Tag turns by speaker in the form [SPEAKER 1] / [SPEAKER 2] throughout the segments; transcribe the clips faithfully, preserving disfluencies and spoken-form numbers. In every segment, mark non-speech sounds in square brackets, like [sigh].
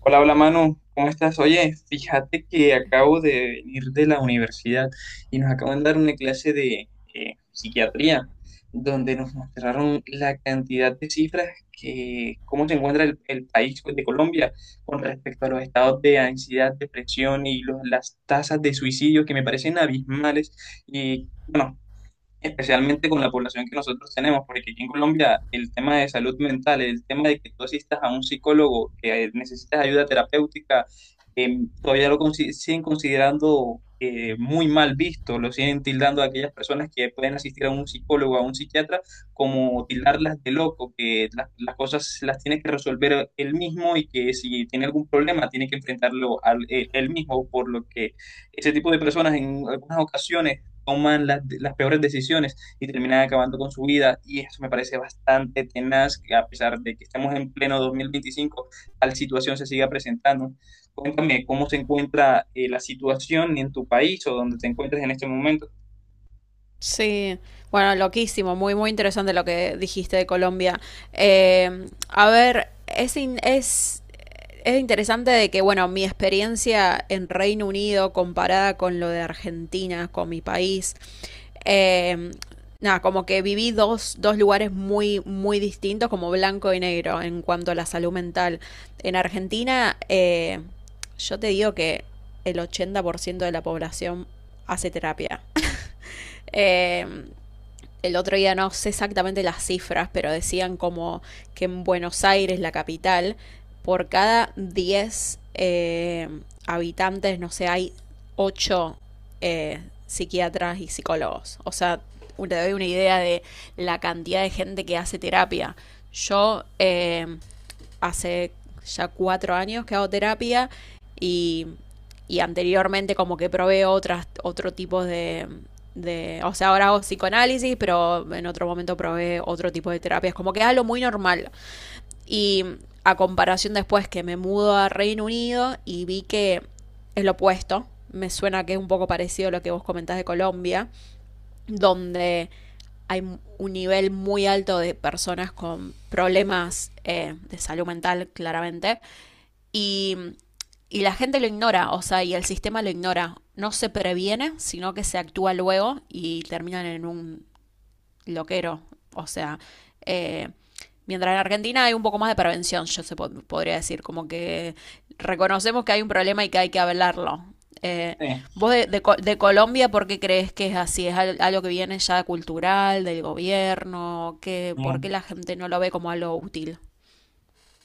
[SPEAKER 1] Hola, hola Manu, ¿cómo estás? Oye, fíjate que acabo de venir de la universidad y nos acaban de dar una clase de eh, psiquiatría, donde nos mostraron la cantidad de cifras que, cómo se encuentra el, el país pues, de Colombia con respecto a los estados de ansiedad, depresión y los- las tasas de suicidio que me parecen abismales. Y bueno, especialmente con la población que nosotros tenemos, porque aquí en Colombia el tema de salud mental, el tema de que tú asistas a un psicólogo, que eh, necesitas ayuda terapéutica, eh, todavía lo consi- siguen considerando eh, muy mal visto, lo siguen tildando a aquellas personas que pueden asistir a un psicólogo, a un psiquiatra, como tildarlas de loco, que las, las cosas las tiene que resolver él mismo y que si tiene algún problema tiene que enfrentarlo al- él él mismo, por lo que ese tipo de personas en algunas ocasiones toman la- las peores decisiones y terminan acabando con su vida. Y eso me parece bastante tenaz, que a pesar de que estamos en pleno dos mil veinticinco, tal situación se siga presentando. Cuéntame cómo se encuentra eh, la situación en tu país o donde te encuentres en este momento.
[SPEAKER 2] Sí, bueno, loquísimo, muy, muy interesante lo que dijiste de Colombia. Eh, a ver, es, in- es, es interesante de que, bueno, mi experiencia en Reino Unido comparada con lo de Argentina, con mi país, eh, nada, como que viví dos, dos lugares muy, muy distintos, como blanco y negro, en cuanto a la salud mental. En Argentina, eh, yo te digo que el ochenta por ciento de la población hace terapia. [laughs] Eh, el otro día no sé exactamente las cifras, pero decían como que en Buenos Aires, la capital, por cada diez eh, habitantes, no sé, hay ocho psiquiatras y psicólogos. O sea, te doy una idea de la cantidad de gente que hace terapia. Yo eh, Hace ya cuatro años que hago terapia y y anteriormente como que probé otras, otro tipo de, de, o sea, ahora hago psicoanálisis, pero en otro momento probé otro tipo de terapias, como que es algo muy normal. Y a comparación después que me mudo a Reino Unido y vi que es lo opuesto, me suena que es un poco parecido a lo que vos comentás de Colombia, donde hay un nivel muy alto de personas con problemas eh, de salud mental, claramente, y, y la gente lo ignora, o sea, y el sistema lo ignora. No se previene, sino que se actúa luego y terminan en un loquero. O sea, eh, mientras en Argentina hay un poco más de prevención, yo se po- podría decir, como que reconocemos que hay un problema y que hay que hablarlo. Eh, Vos de, de Co- de Colombia, ¿por qué crees que es así? ¿Es al- algo que viene ya cultural, del gobierno? ¿Qué,
[SPEAKER 1] Eh,
[SPEAKER 2] ¿Por qué la gente no lo ve como algo útil?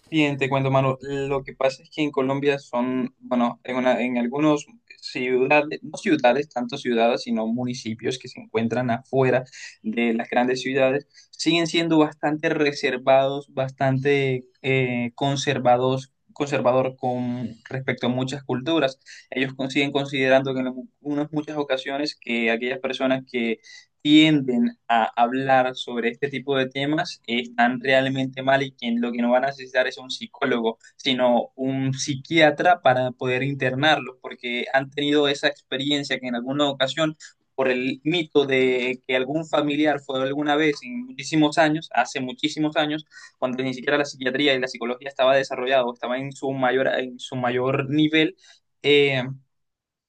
[SPEAKER 1] Bien, te cuento, Manu. Lo que pasa es que en Colombia son, bueno, en, una- en algunos ciudades, no ciudades, tanto ciudades, sino municipios que se encuentran afuera de las grandes ciudades, siguen siendo bastante reservados, bastante eh, conservados, conservador con respecto a muchas culturas. Ellos con- siguen considerando que en algunas muchas ocasiones que aquellas personas que tienden a hablar sobre este tipo de temas eh, están realmente mal y que lo que no van a necesitar es un psicólogo, sino un psiquiatra para poder internarlos, porque han tenido esa experiencia que en alguna ocasión, por el mito de que algún familiar fue alguna vez en muchísimos años, hace muchísimos años, cuando ni siquiera la psiquiatría y la psicología estaba desarrollado, estaba en su mayor, en su mayor nivel, eh,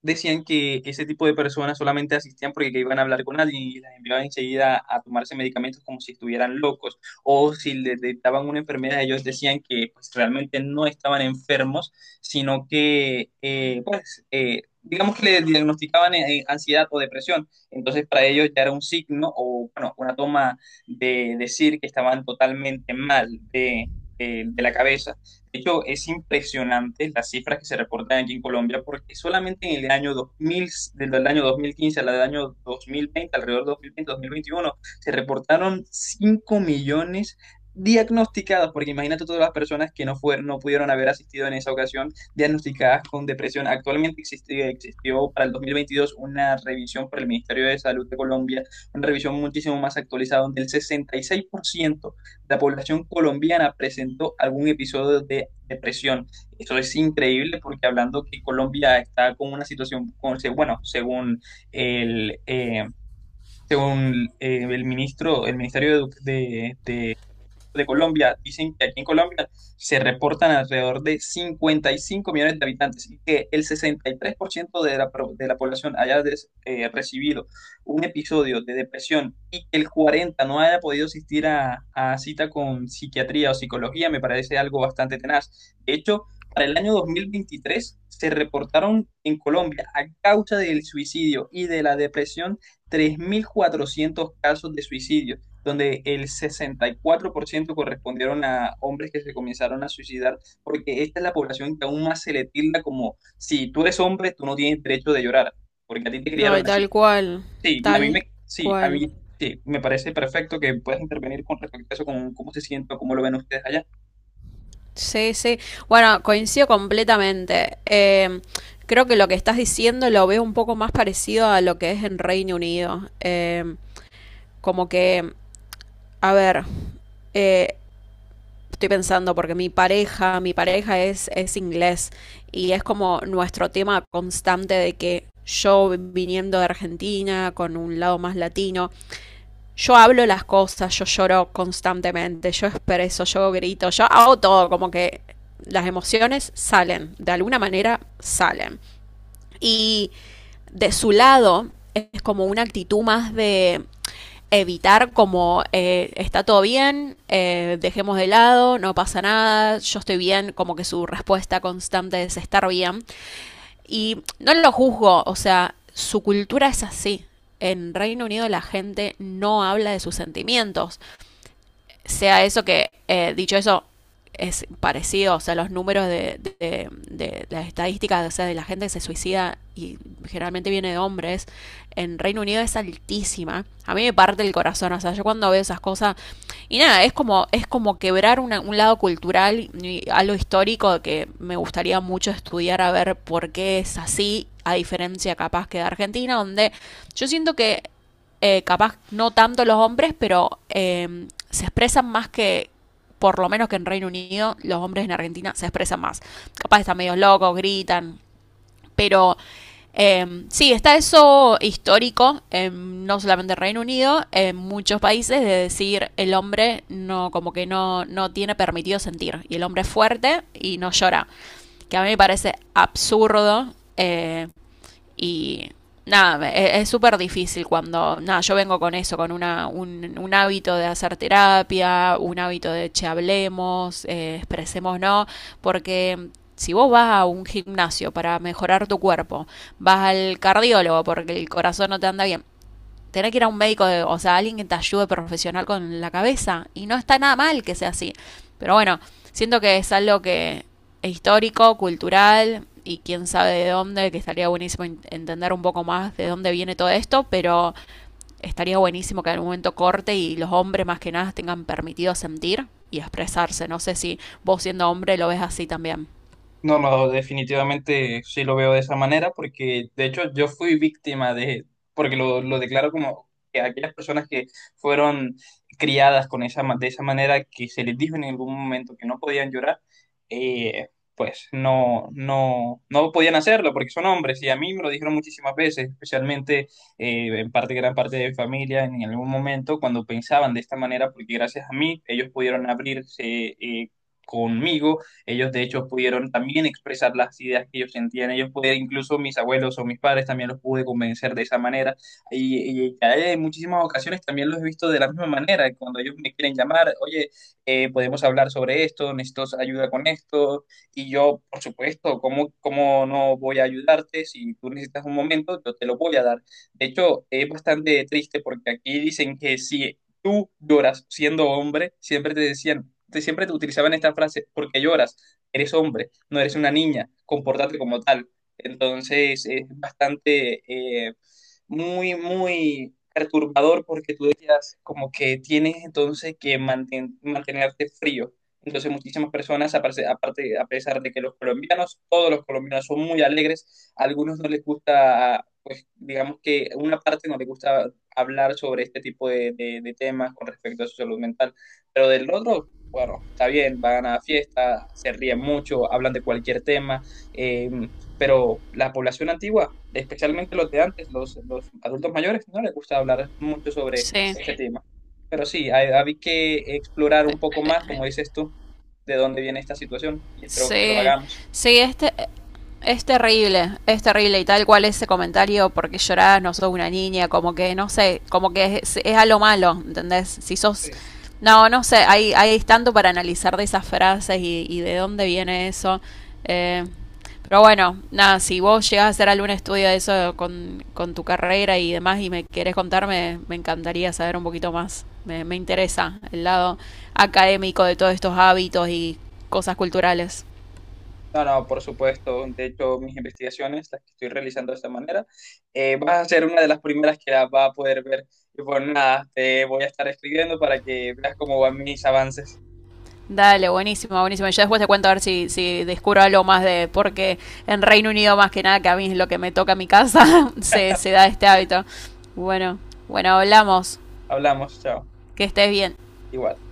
[SPEAKER 1] decían que ese tipo de personas solamente asistían porque que iban a hablar con alguien y las enviaban enseguida a tomarse medicamentos como si estuvieran locos o si les detectaban una enfermedad, ellos decían que pues, realmente no estaban enfermos, sino que eh, pues, eh, digamos que le diagnosticaban eh, ansiedad o depresión, entonces para ellos ya era un signo o bueno, una toma de decir que estaban totalmente mal de, de de la cabeza. De hecho, es impresionante las cifras que se reportan aquí en Colombia, porque solamente en el año dos mil, desde el año dos mil quince al año dos mil veinte, alrededor de dos mil veinte-dos mil veintiuno, se reportaron cinco millones diagnosticadas, porque imagínate todas las personas que no, fueron, no pudieron haber asistido en esa ocasión, diagnosticadas con depresión. Actualmente existió, existió para el dos mil veintidós una revisión por el Ministerio de Salud de Colombia, una revisión muchísimo más actualizada, donde el sesenta y seis por ciento la población colombiana presentó algún episodio de depresión. Eso es increíble porque hablando que Colombia está con una situación, con- se- bueno, según el, eh, según eh, el ministro, el Ministerio de, Edu- de de Colombia. Dicen que aquí en Colombia se reportan alrededor de cincuenta y cinco millones de habitantes y que el sesenta y tres por ciento de la, pro- de la población haya des- eh, recibido un episodio de depresión y que el cuarenta por ciento no haya podido asistir a, a cita con psiquiatría o psicología, me parece algo bastante tenaz. De hecho, para el año dos mil veintitrés se reportaron en Colombia a causa del suicidio y de la depresión tres mil cuatrocientos casos de suicidio donde el sesenta y cuatro por ciento correspondieron a hombres que se comenzaron a suicidar, porque esta es la población que aún más se le tilda como, si tú eres hombre, tú no tienes derecho de llorar, porque a ti te criaron
[SPEAKER 2] Ay,
[SPEAKER 1] así.
[SPEAKER 2] tal cual,
[SPEAKER 1] Sí, y a mí
[SPEAKER 2] tal
[SPEAKER 1] me, sí, a
[SPEAKER 2] cual.
[SPEAKER 1] mí, sí, me parece perfecto que puedas intervenir con respecto a eso, con cómo se siente, o cómo lo ven ustedes allá.
[SPEAKER 2] Sí, sí. Bueno, coincido completamente. Eh, creo que lo que estás diciendo lo veo un poco más parecido a lo que es en Reino Unido. Eh, como que, a ver, eh, estoy pensando porque mi pareja, mi pareja es, es inglés y es como nuestro tema constante de que yo viniendo de Argentina con un lado más latino, yo hablo las cosas, yo lloro constantemente, yo expreso, yo grito, yo hago todo, como que las emociones salen, de alguna manera salen. Y de su lado es como una actitud más de evitar como eh, está todo bien, eh, dejemos de lado, no pasa nada, yo estoy bien, como que su respuesta constante es estar bien. Y no lo juzgo, o sea, su cultura es así. En Reino Unido la gente no habla de sus sentimientos sea eso que, eh, dicho eso, es parecido, o sea, los números de, de, de de las estadísticas, o sea, de la gente que se suicida y generalmente viene de hombres, en Reino Unido es altísima. A mí me parte el corazón, o sea, yo cuando veo esas cosas y nada, es como es como quebrar una, un lado cultural y algo histórico que me gustaría mucho estudiar a ver por qué es así, a diferencia capaz que de Argentina, donde yo siento que eh, capaz no tanto los hombres, pero eh, se expresan más que, por lo menos que en Reino Unido, los hombres en Argentina se expresan más. Capaz están medio locos, gritan, pero eh, sí, está eso histórico, eh, no solamente en Reino Unido, en muchos países, de decir el hombre no, como que no, no tiene permitido sentir. Y el hombre es fuerte y no llora. Que a mí me parece absurdo. Eh, y nada, e- es súper difícil cuando, nada, yo vengo con eso, con una, un, un hábito de hacer terapia, un hábito de che, hablemos, eh, expresemos, ¿no? Porque si vos vas a un gimnasio para mejorar tu cuerpo, vas al cardiólogo porque el corazón no te anda bien, tener que ir a un médico, de- o sea, alguien que te ayude profesional con la cabeza. Y no está nada mal que sea así. Pero bueno, siento que es algo que es histórico, cultural y quién sabe de dónde, que estaría buenísimo entender un poco más de dónde viene todo esto, pero estaría buenísimo que en algún momento corte y los hombres más que nada tengan permitido sentir y expresarse. No sé si vos siendo hombre lo ves así también.
[SPEAKER 1] No, no, definitivamente sí lo veo de esa manera, porque de hecho yo fui víctima de, porque lo, lo declaro como que aquellas personas que fueron criadas con esa, ma- de esa manera, que se les dijo en algún momento que no podían llorar, eh, pues no, no, no podían hacerlo porque son hombres, y a mí me lo dijeron muchísimas veces, especialmente eh, en parte, gran parte de mi familia, en algún momento cuando pensaban de esta manera, porque gracias a mí ellos pudieron abrirse eh, conmigo. Ellos de hecho pudieron también expresar las ideas que ellos sentían, ellos pudieron, incluso mis abuelos o mis padres también los pude convencer de esa manera. Y, y en muchísimas ocasiones también los he visto de la misma manera, cuando ellos me quieren llamar, oye, eh, podemos hablar sobre esto, necesito ayuda con esto, y yo, por supuesto, ¿cómo, cómo no voy a ayudarte? Si tú necesitas un momento, yo te lo voy a dar. De hecho, es bastante triste porque aquí dicen que si tú lloras siendo hombre, siempre te decían, te, siempre te utilizaban esta frase: porque lloras? Eres hombre, no eres una niña, compórtate como tal. Entonces es bastante, eh, muy, muy perturbador porque tú decías como que tienes entonces que manten- mantenerte frío. Entonces muchísimas personas, aparte, aparte- a pesar de que los colombianos, todos los colombianos son muy alegres, a algunos no les gusta, pues digamos que una parte no les gusta hablar sobre este tipo de, de- de temas con respecto a su salud mental, pero del otro bueno, está bien, van a la fiesta, se ríen mucho, hablan de cualquier tema, eh, pero la población antigua, especialmente los de antes, los, los adultos mayores, no les gusta hablar mucho sobre
[SPEAKER 2] Sí,
[SPEAKER 1] este Sí. tema. Pero sí, hay, hay que explorar un poco más, como dices tú, de dónde viene esta situación y espero que lo
[SPEAKER 2] sí,
[SPEAKER 1] hagamos.
[SPEAKER 2] sí, este es terrible, es terrible y tal cual ese comentario, porque llorás, no sos una niña, como que, no sé, como que es, es a lo malo, ¿entendés? Si sos... No, no sé, hay, hay tanto para analizar de esas frases y, y de dónde viene eso. Eh, pero bueno, nada, si vos llegás a hacer algún estudio de eso con, con tu carrera y demás y me querés contarme, me encantaría saber un poquito más. Me, me interesa el lado académico de todos estos hábitos y cosas culturales.
[SPEAKER 1] No, no, por supuesto. De hecho, mis investigaciones, las que estoy realizando de esta manera, eh, vas a ser una de las primeras que las va a poder ver. Y pues nada, te voy a estar escribiendo para que veas cómo van mis avances.
[SPEAKER 2] Dale, buenísimo, buenísimo. Ya después te cuento a ver si, si descubro algo más de, porque en Reino Unido más que nada, que a mí es lo que me toca en mi casa, [laughs] se, se da este hábito. Bueno, bueno, hablamos.
[SPEAKER 1] Hablamos, chao.
[SPEAKER 2] Que estés bien.
[SPEAKER 1] Igual.